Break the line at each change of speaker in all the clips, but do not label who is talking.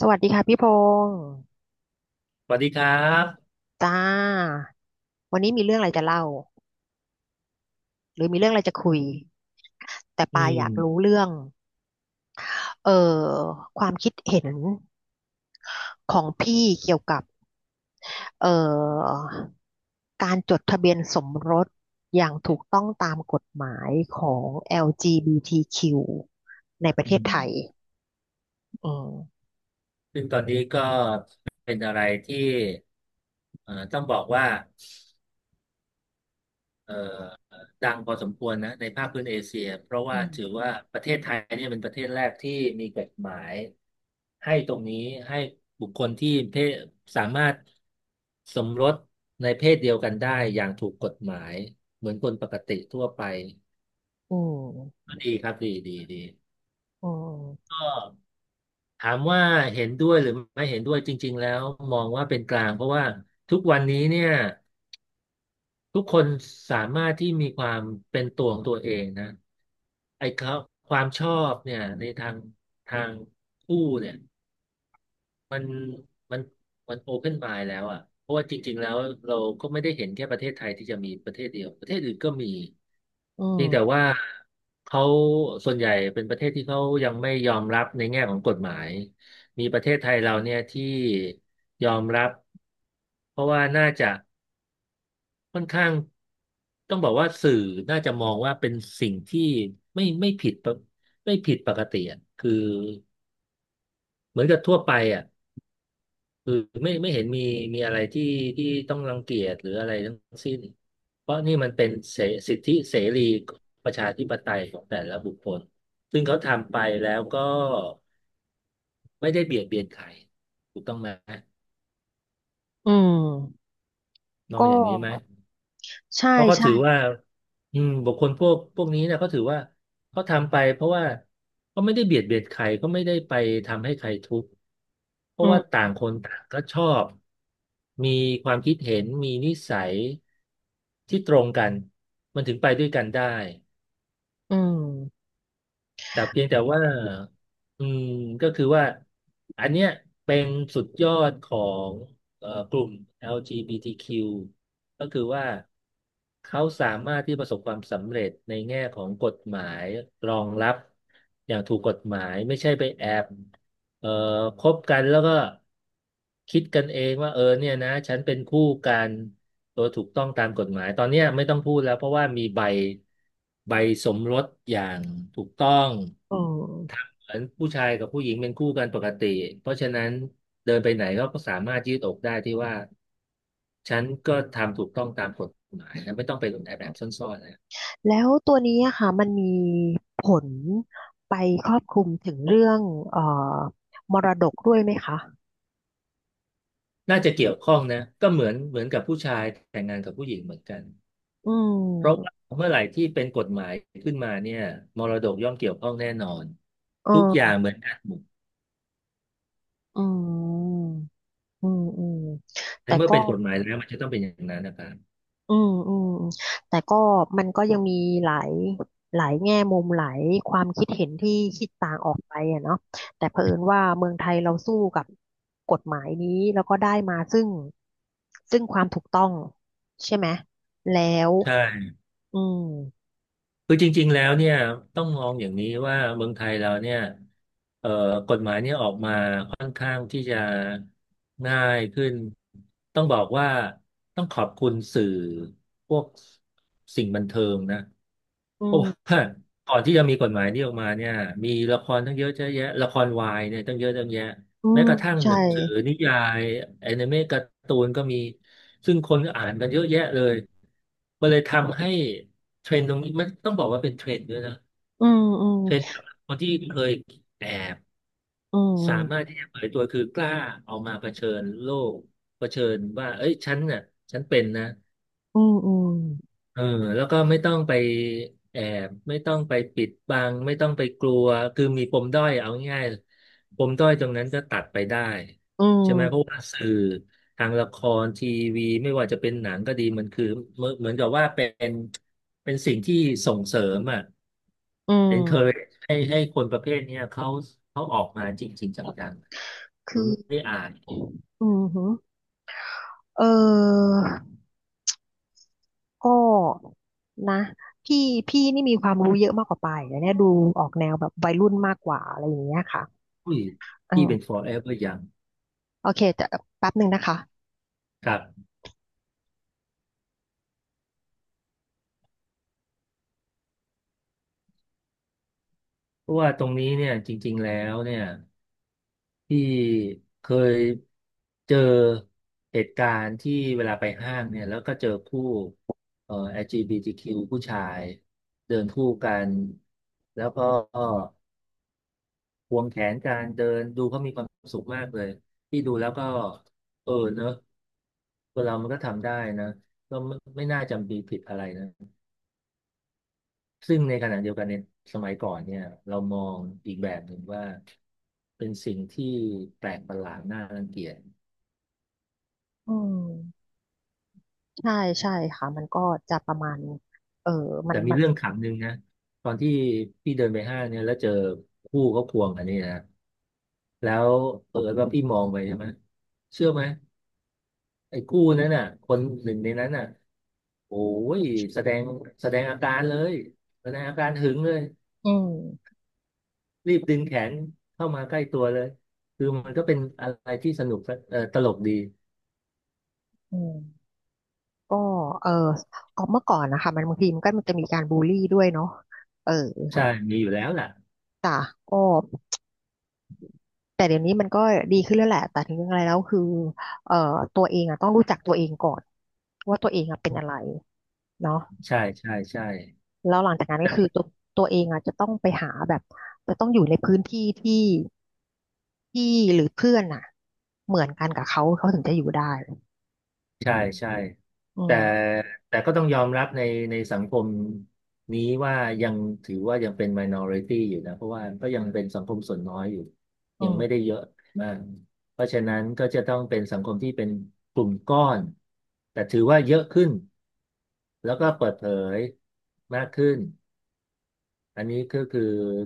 สวัสดีค่ะพี่พงศ์
สวัสดีครับ
จ้าวันนี้มีเรื่องอะไรจะเล่าหรือมีเรื่องอะไรจะคุยแต่
อื
ปา
ม
อยากรู้เรื่องเอ่อความคิดเห็นของพี่เกี่ยวกับเอ่อการจดทะเบียนสมรสอย่างถูกต้องตามกฎหมายของ LGBTQ ในประ
อื
เทศไทย
ม
อืม
ซึ่งตอนนี้ก็เป็นอะไรที่ต้องบอกว่าเอ่อดังพอสมควรนะในภาคพื้นเอเชียเพราะ
อื
ว่า
ม
ถือว่าประเทศไทยเนี่ยเป็นประเทศแรกที่มีกฎหมายให้ตรงนี้ให้บุคคลที่เพศสามารถสมรสในเพศเดียวกันได้อย่างถูกกฎหมายเหมือนคนปกติทั่วไป
อืม
ก็ดีครับดีดีดี
อืม
ก็ ถามว่าเห็นด้วยหรือไม่เห็นด้วยจริงๆแล้วมองว่าเป็นกลางเพราะว่าทุกวันนี้เนี่ยทุกคนสามารถที่มีความเป็นตัวของตัวเองนะไอ้เขาความชอบเนี่ยในทางทางคู่เนี่ยมันมันมันโอเพนมายแล้วอ่ะเพราะว่าจริงๆแล้วเราก็ไม่ได้เห็นแค่ประเทศไทยที่จะมีประเทศเดียวประเทศอื่นก็มี
อื
เพียงแต่
ม
ว่าเขาส่วนใหญ่เป็นประเทศที่เขายังไม่ยอมรับในแง่ของกฎหมายมีประเทศไทยเราเนี่ยที่ยอมรับเพราะว่าน่าจะค่อนข้างต้องบอกว่าสื่อน่าจะมองว่าเป็นสิ่งที่ไม่ไม่ผิดปกไม่ผิดปกติอะคือเหมือนกับทั่วไปอ่ะ คือไม่เห็นมีอะไรที่ต้องรังเกียจหรืออะไรทั้งสิ้นเพราะนี่มันเป็นสิทธิเสรีประชาธิปไตยของแต่ละบุคคลซึ่งเขาทำไปแล้วก็ไม่ได้เบียดเบียนใครถูกต้องไหม
อืม
มอ
ก็
งอย่างนี้ไหม
ใช่
เพราะเขา
ใช่
ถือว่าบุคคลพวกนี้นะ่เขาถือว่าเขาทำไปเพราะว่าเขาไม่ได้เบียดเบียนใครเขาไม่ได้ไปทำให้ใครทุกข์เพ
อื
ราะว่า
ม
ต่างคนต่างก็ชอบมีความคิดเห็นมีนิสัยที่ตรงกันมันถึงไปด้วยกันได้
อืม
แต่เพียงแต่ว่าอืมก็คือว่าอันเนี้ยเป็นสุดยอดของกลุ่ม LGBTQ ก็คือว่าเขาสามารถที่ประสบความสำเร็จในแง่ของกฎหมายรองรับอย่างถูกกฎหมายไม่ใช่ไปแอบเอ่อคบกันแล้วก็คิดกันเองว่าเออเนี่ยนะฉันเป็นคู่กันโดยถูกต้องตามกฎหมายตอนเนี้ยไม่ต้องพูดแล้วเพราะว่ามีใบสมรสอย่างถูกต้อง
เออ
เหมือนผู้ชายกับผู้หญิงเป็นคู่กันปกติเพราะฉะนั้นเดินไปไหนเขาก็สามารถยืดอกได้ที่ว่าฉันก็ทำถูกต้องตามกฎหมายนะไม่ต้องไปหลบแอบซ่อนๆนะ
แล้วตัวนี้อะค่ะมันมีผลไปครอบคลุมถึงเรื่องเอ่อมรดกด้วยไหมคะ
น่าจะเกี่ยวข้องนะก็เหมือนกับผู้ชายแต่งงานกับผู้หญิงเหมือนกัน
อื
เพราะว่า
ม
เมื่อไหร่ที่เป็นกฎหมายขึ้นมาเนี่ยมรดกย่อมเกี่ยวข้องแน่นอน
เอ
ทุกอย่าง
อ
เหมือนกันหมด
อืมอืมอืม
ใน
แต่
เมื่อ
ก็
เป็นกฎหมายแล้วมันจะต้องเป็นอย่างนั้นนะครับ
อืมอืมแต่ก็มันก็ยังมีหลายหลายแง่มุมหลายความคิดเห็นที่คิดต่างออกไปอะเนาะแต่เผอิญว่าเมืองไทยเราสู้กับกฎหมายนี้แล้วก็ได้มาซึ่งความถูกต้องใช่ไหมแล้ว
ใช่
อืม
คือจริงๆแล้วเนี่ยต้องมองอย่างนี้ว่าเมืองไทยเราเนี่ยเอ่อ ออกมาค่อนข้างที่จะง่ายขึ้นต้องบอกว่าต้องขอบคุณสื่อพวกสิ่งบันเทิงนะ
อื
เพราะ
ม
ว่าก่อนที่จะมีกฎหมายนี้ออกมาเนี่ยมีละครตั้งเยอะแยะละครวายเนี่ยตั้งเยอะตั้งแยะ
อื
แม้
ม
กระทั่ง
ใช่
หนังสือนิยายแอนิเมะการ์ตูนก็มีซึ่งคนก็อ่านกันเยอะแยะเลยมันเลยทำให้เทรนด์ตรงนี้มันต้องบอกว่าเป็นเทรนด์ด้วยนะ
อืมอืม
เทรนด์คนที่เคยแอบ
อื
สามารถ
ม
ที่จะเปิดตัวคือกล้าเอามาเผชิญโลกเผชิญว่าเอ้ยฉันน่ะฉันเป็นนะ
อืมอืม
เออแล้วก็ไม่ต้องไปแอบไม่ต้องไปปิดบังไม่ต้องไปกลัวคือมีปมด้อยเอาง่ายๆปมด้อยตรงนั้นก็ตัดไปได้
อื
ใช่ไหมเพราะ
ม
ว่าสื่อทางละครทีวีไม่ว่าจะเป็นหนังก็ดีมันคือเหมือนกับว่านเป็นสิ่งที่ส่งเสริมอ่ะ
อืม
encourage ให้คนประเภทเนี้ยเขาออกมาจริงๆจัง มั
คื
น
อ
ไม่ได้อ่าน
อืมหือเออ ก็นะพี่พี่นี่มีความรู้เยอะมากกว่าปายอย่างเนี้ยดูออกแนวแบบวัยรุ่นมากกว่าอะไรอย่างเงี้ยค่ะ
อุ้ย
อื
พี่เป็น
ม
forever young
โอเคแต่แป๊บหนึ่งนะคะ
ครับเพราะว่าตรงนี้เนี่ยจริงๆแล้วเนี่ยพี่เคยเจอเหตุการณ์ที่เวลาไปห้างเนี่ยแล้วก็เจอคู่เอ่อ LGBTQ ผู้ชายเดินคู่กันแล้วก็ควงแขนกันเดินดูเขามีความสุขมากเลยพี่ดูแล้วก็เออเนอะคนเรามันก็ทำได้นะก็ไม่น่าจำปีผิดอะไรนะ ซึ่งในขณะเดียวกันในสมัยก่อนเนี่ยเรามองอีกแบบหนึ่งว่าเป็นสิ่งที่แปลกประหลาดน่ารังเกียจ
อืมใช่ใช่ค่ะมันก็จะประมาณเออมั
แต่
น
มี
มัน
เรื่องขำหนึ่งนะตอนที่พี่เดินไปห้างเนี่ยแล้วเจอคู่เขาควงกันนี่นะแล้วเออว่าพี่มองไปใช่ไหมเชื่อไหมไอ้คู่นั้นน่ะคนหนึ่งในนั้นน่ะโอ้ยแสดงแสดงอาการเลยแสดงอาการหึงเลย
อืม
รีบดึงแขนเข้ามาใกล้ตัวเลยคือมันก็เป็นอะไรที่สนุกเออตลกดี
อืมก็เออออกเมื่อก่อนนะคะมันบางทีมันก็มันจะมีการบูลลี่ด้วยเนาะเออ
ใช่ มีอยู่แล้วแหละ
จ้ะก็แต่เดี๋ยวนี้มันก็ดีขึ้นแล้วแหละแต่ถึงยังไงแล้วคือเอ่อตัวเองอ่ะต้องรู้จักตัวเองก่อนว่าตัวเองอ่ะเป็นอะไรเนาะ
ใช่ใช่ใช่
แล้วหลังจากนั้นก็
แต่
คือตัวเองอ่ะจะต้องไปหาแบบจะต้องอยู่ในพื้นที่ที่ที่หรือเพื่อนอ่ะเหมือนกันกับเขาเขาถึงจะอยู่ได้
ใช่ใช่
อื
แต่
ม
แต่ก็ต้องยอมรับในสังคมนี้ว่ายังถือว่ายังเป็น minority อยู่นะเพราะว่าก็ยังเป็นสังคมส่วนน้อยอยู่
อื
ยังไม่ได้
ม
เยอะมากเพราะฉะนั้นก็จะต้องเป็นสังคมที่เป็นกลุ่มก้อนแต่ถือว่าเยอะขึ้นแล้วก็เปิดเผยมากขึ้นอันนี้ก็คือ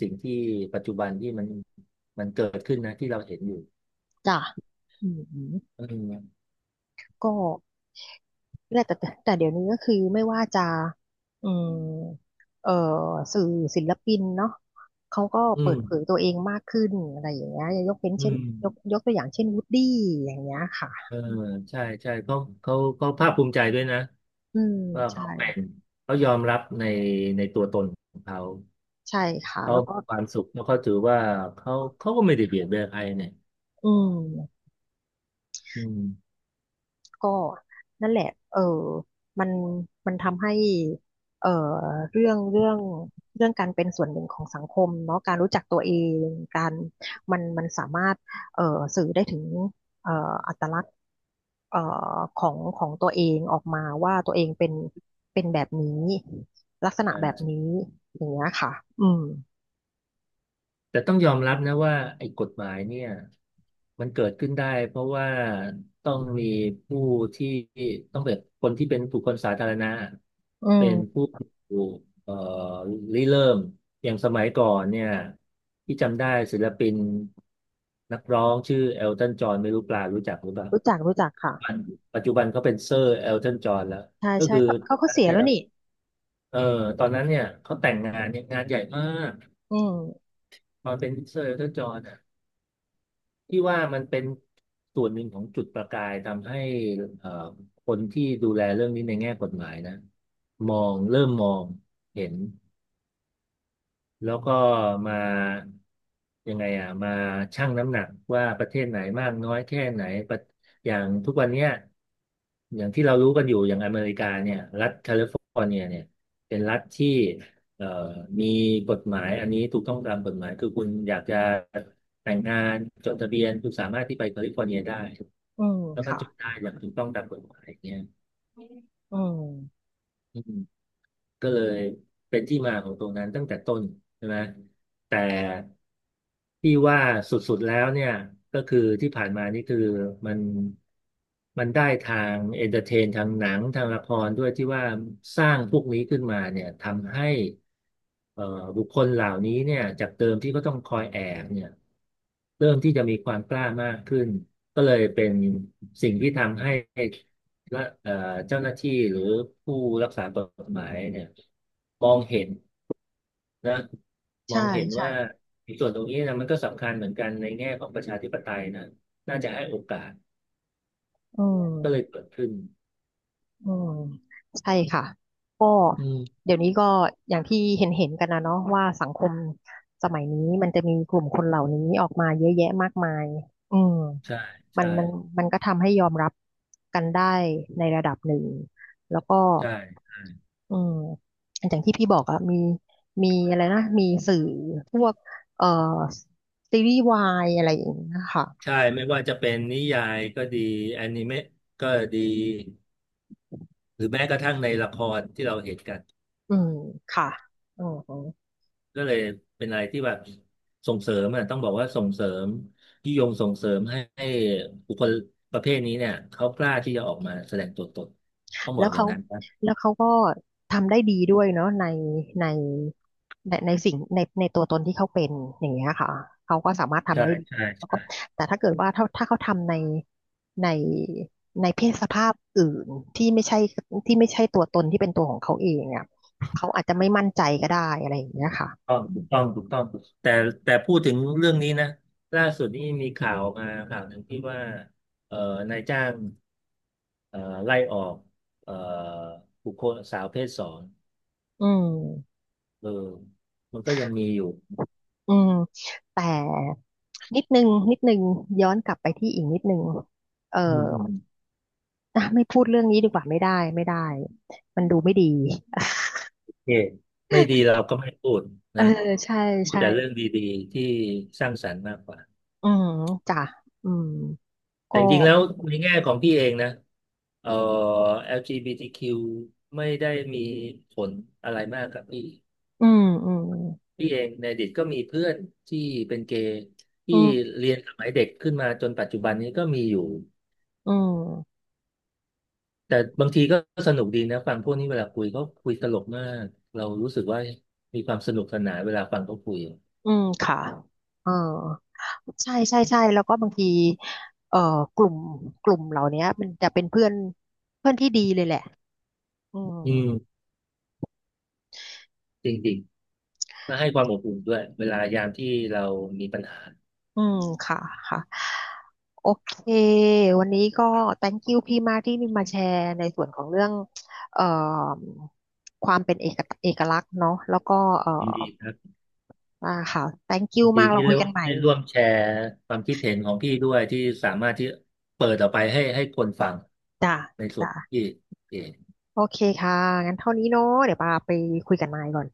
สิ่งที่ปัจจุบันที่มันมันเกิดขึ้นนะที่เราเห็นอยู่
จ้ะอืมอืม
อืม
ก็เนี่ยแต่เดี๋ยวนี้ก็คือไม่ว่าจะอืมเอ่อสื่อศิลปินเนาะเขาก็
อื
เปิดเผย
ม
ตัวเองมากขึ้นอะไรอย่างเงี้ยยกเป็น
อื
เช่น
ม
ยกตัวอย่างเช่นวูดดี้อย่างเงี้ย
เอ
ค่ะ
อใช่ใช่เขาเขาภาคภูมิใจด้วยนะ
อืม
ว่า
ใช่
เขาเป็นเขายอมรับในตัวตนของเขา
ใช่ค่ะ
เขา
แล้วก็
ความสุขแล้วเขาถือว่าเขาเขาก็ไม่ได้เบียดเบียนใครเนี่ย
อืม
อืม
ก็นั่นแหละเออมันมันทำให้เออเรื่องเรื่องเรื่องการเป็นส่วนหนึ่งของสังคมเนาะการรู้จักตัวเองการมันสามารถเออสื่อได้ถึงเอออัตลักษณ์เอ่อของของตัวเองออกมาว่าตัวเองเป็นเป็นแบบนี้ลักษณะแบบ
ใช่
นี้อย่างเงี้ยค่ะอืม
แต่ต้องยอมรับนะว่าไอ้กฎหมายเนี่ยมันเกิดขึ้นได้เพราะว่าต้องมีผู้ที่ต้องเป็นคนที่เป็นบุคคลสาธารณะ
อื
เป็นผู้
ม
เอ่อริเริ่มอย่างสมัยก่อนเนี่ยที่จำได้ศิลปินนักร้องชื่อเอลตันจอห์นไม่รู้ปลารู้จักหรือเปล่า
รู้จักรู้จักค่ะ
ปัจจุบันปัจจุบันเขาเป็นเซอร์เอลตันจอห์นแล้ว
ใช่
ก็
ใช่
คือ
เขาเขาเขาเสีย
เนี่
แล้
ย
วนี่
เออตอนนั้นเนี่ยเขาแต่งงานเนี่ยงานใหญ่มาก
อืม
ตอนเป็นเซอร์เอลตันจอห์น ที่ว่ามันเป็นส่วนหนึ่งของจุดประกายทำให้เอ่อคนที่ดูแลเรื่องนี้ในแง่กฎหมายนะมองเริ่มมองเห็น แล้วก็มายังไงอ่ะมาชั่งน้ำหนักว่าประเทศไหนมากน้อยแค่ไหนประอย่างทุกวันเนี้ยอย่างที่เรารู้กันอยู่อย่างอเมริกาเนี่ยรัฐแคลิฟอร์เนียเนี่ยเป็นรัฐที่เอ่อมีกฎหมายอันนี้ถูกต้องตามกฎหมายคือคุณอยากจะแต่งงานจดทะเบียนคุณสามารถที่ไปแคลิฟอร์เนียได้
อืม
แล้วก็
ค่ะ
จดได้อย่างถูกต้องตามกฎหมายอย่างเงี้ย
อืม
อืม ก็เลยเป็นที่มาของตรงนั้นตั้งแต่ต้นใช่ไหมแต่ที่ว่าสุดๆแล้วเนี่ยก็คือที่ผ่านมานี่คือมันมันได้ทางเอนเตอร์เทนทางหนังทางละครด้วยที่ว่าสร้างพวกนี้ขึ้นมาเนี่ยทำให้เอ่อบุคคลเหล่านี้เนี่ยจากเดิมที่ก็ต้องคอยแอบเนี่ยเริ่มที่จะมีความกล้ามากขึ้นก็เลยเป็นสิ่งที่ทำให้ และเจ้าหน้าที่หรือผู้รักษากฎหมายเนี่ยมองเห็นนะมอ
ใช่
งเห็น
ใช่
ว่าในส่วนตรงนี้นะมันก็สำคัญเหมือนกันในแง่ของประชาธิปไตยนะน่าจะให้โอกาส
อื
ก็เลย
ม
เกิดขึ้น
อืมใช่ค่ะ ก็
อืม
เดี๋ยวนี้ก็อย่างที่เห็นเห็นกันนะเนาะว่าสังคมสมัยนี้มันจะมีกลุ่มคนเหล่านี้ออกมาเยอะแยะมากมายอืม
ใช่
มั
ใช่
นมันมันก็ทำให้ยอมรับกันได้ในระดับหนึ่ง แล้วก็
ใช่
อืมอย่างที่พี่บอกอะมีอะไรนะมีสื่อพวกเอ่อซีรีส์วายอะไรอย่างเงี้ยค่ะ
ใช่ไม่ว่าจะเป็นนิยายก็ดีแอนิเมะก็ดีหรือแม้กระทั่งในละครที่เราเห็นกัน
อืมค่ะอืม
ก็เลยเป็นอะไรที่แบบส่งเสริมอ่ะต้องบอกว่าส่งเสริมยุยงส่งเสริมให้บุคคลประเภทนี้เนี่ยเขากล้าที่จะออกมาแสดงตัวตนต้องบ
แล้
อ
ว
กอย่า
เขา
งนั้นนะ
แล้วเขาก็ทำได้ดีด้วยเนาะในในสิ่งในตัวตนที่เขาเป็นอย่างเงี้ยค่ะเขาก็สามารถทำ
ใช่
ได้ดี
ใช่
แล้วก็
ใช่
แต่ถ้าเกิดว่าถ้าเขาทำในในในเพศสภาพอื่นที่ไม่ใช่ที่ไม่ใช่ตัวตนที่เป็นตัวของเขาเองอ่ะเขาอาจจะไม่มั่นใจก็ได้อะไรอย่างเงี้ยค่ะ
ต้องถูกต้องถูกต้องแต่พูดถึงเรื่องนี้นะล่าสุดนี่มีข่าวออกมาข่าวหนึ่งที่ว่าเอ่อนายจ้างเอ่อไล่ออกเอ่อบุคคลสาวเพศสอง
อืม
เออมันก็ยังมีอยู่
อืมแต่นิดนึงนิดนึงย้อนกลับไปที่อีกนิดนึงเอ่
อืม
อ
อืม
อ่ะไม่พูดเรื่องนี้ดีกว่าไม่ได้ไม่ได้มันดูไม่ดี
โอเคไม่ดีเราก็ไม่พูด
เออ
นะ
ใช่
พูด
ใช่
แต่เรื่องดีๆที่สร้างสรรค์มากกว่า
อืมจ้ะอืม
แต่
ก็
จริงๆแล้วในแง่ของพี่เองนะเอ่อ LGBTQ ไม่ได้มีผลอะไรมากกับพี่
อืมอืม
พี่เองในอดีตก็มีเพื่อนที่เป็นเกย์ที่
อืม
เรียนสมัยเด็กขึ้นมาจนปัจจุบันนี้ก็มีอยู่
อืม
แต่บางทีก็สนุกดีนะฟังพวกนี้เวลาคุยเขาคุยตลกมากเรารู้สึกว่ามีความสนุกสนานเวลาฟังเขาคุย
อืมค่ะเออใช่ใช่ใช่แล้วก็บางทีเอ่อกลุ่มกลุ่มเหล่านี้มันจะเป็นเพื่อนเพื่อนที่ดีเลยแหละอืม
อืมจริงๆและให้ความอบอุ่นด้วยเวลายามที่เรามีปัญหา
อืมค่ะค่ะโอเควันนี้ก็ thank you พี่มากที่มาแชร์ในส่วนของเรื่องเอ่อความเป็นเอกลักษณ์เนาะแล้วก็เอ่
ยิน
อ
ดีครับ
อ่าค่ะ thank you
ดี
มากเรา
ที่
คุ
เรีย
ย
ก
กัน
ว่า
ใหม่
ได้ร่วมแชร์ความคิดเห็นของพี่ด้วยที่สามารถที่เปิดออกไปให้คนฟัง
จ้ะ
ในส่วน
จ้ะ
ที่เอง
โอเคค่ะงั้นเท่านี้เนาะเดี๋ยวปาไปคุยกับนายก่อน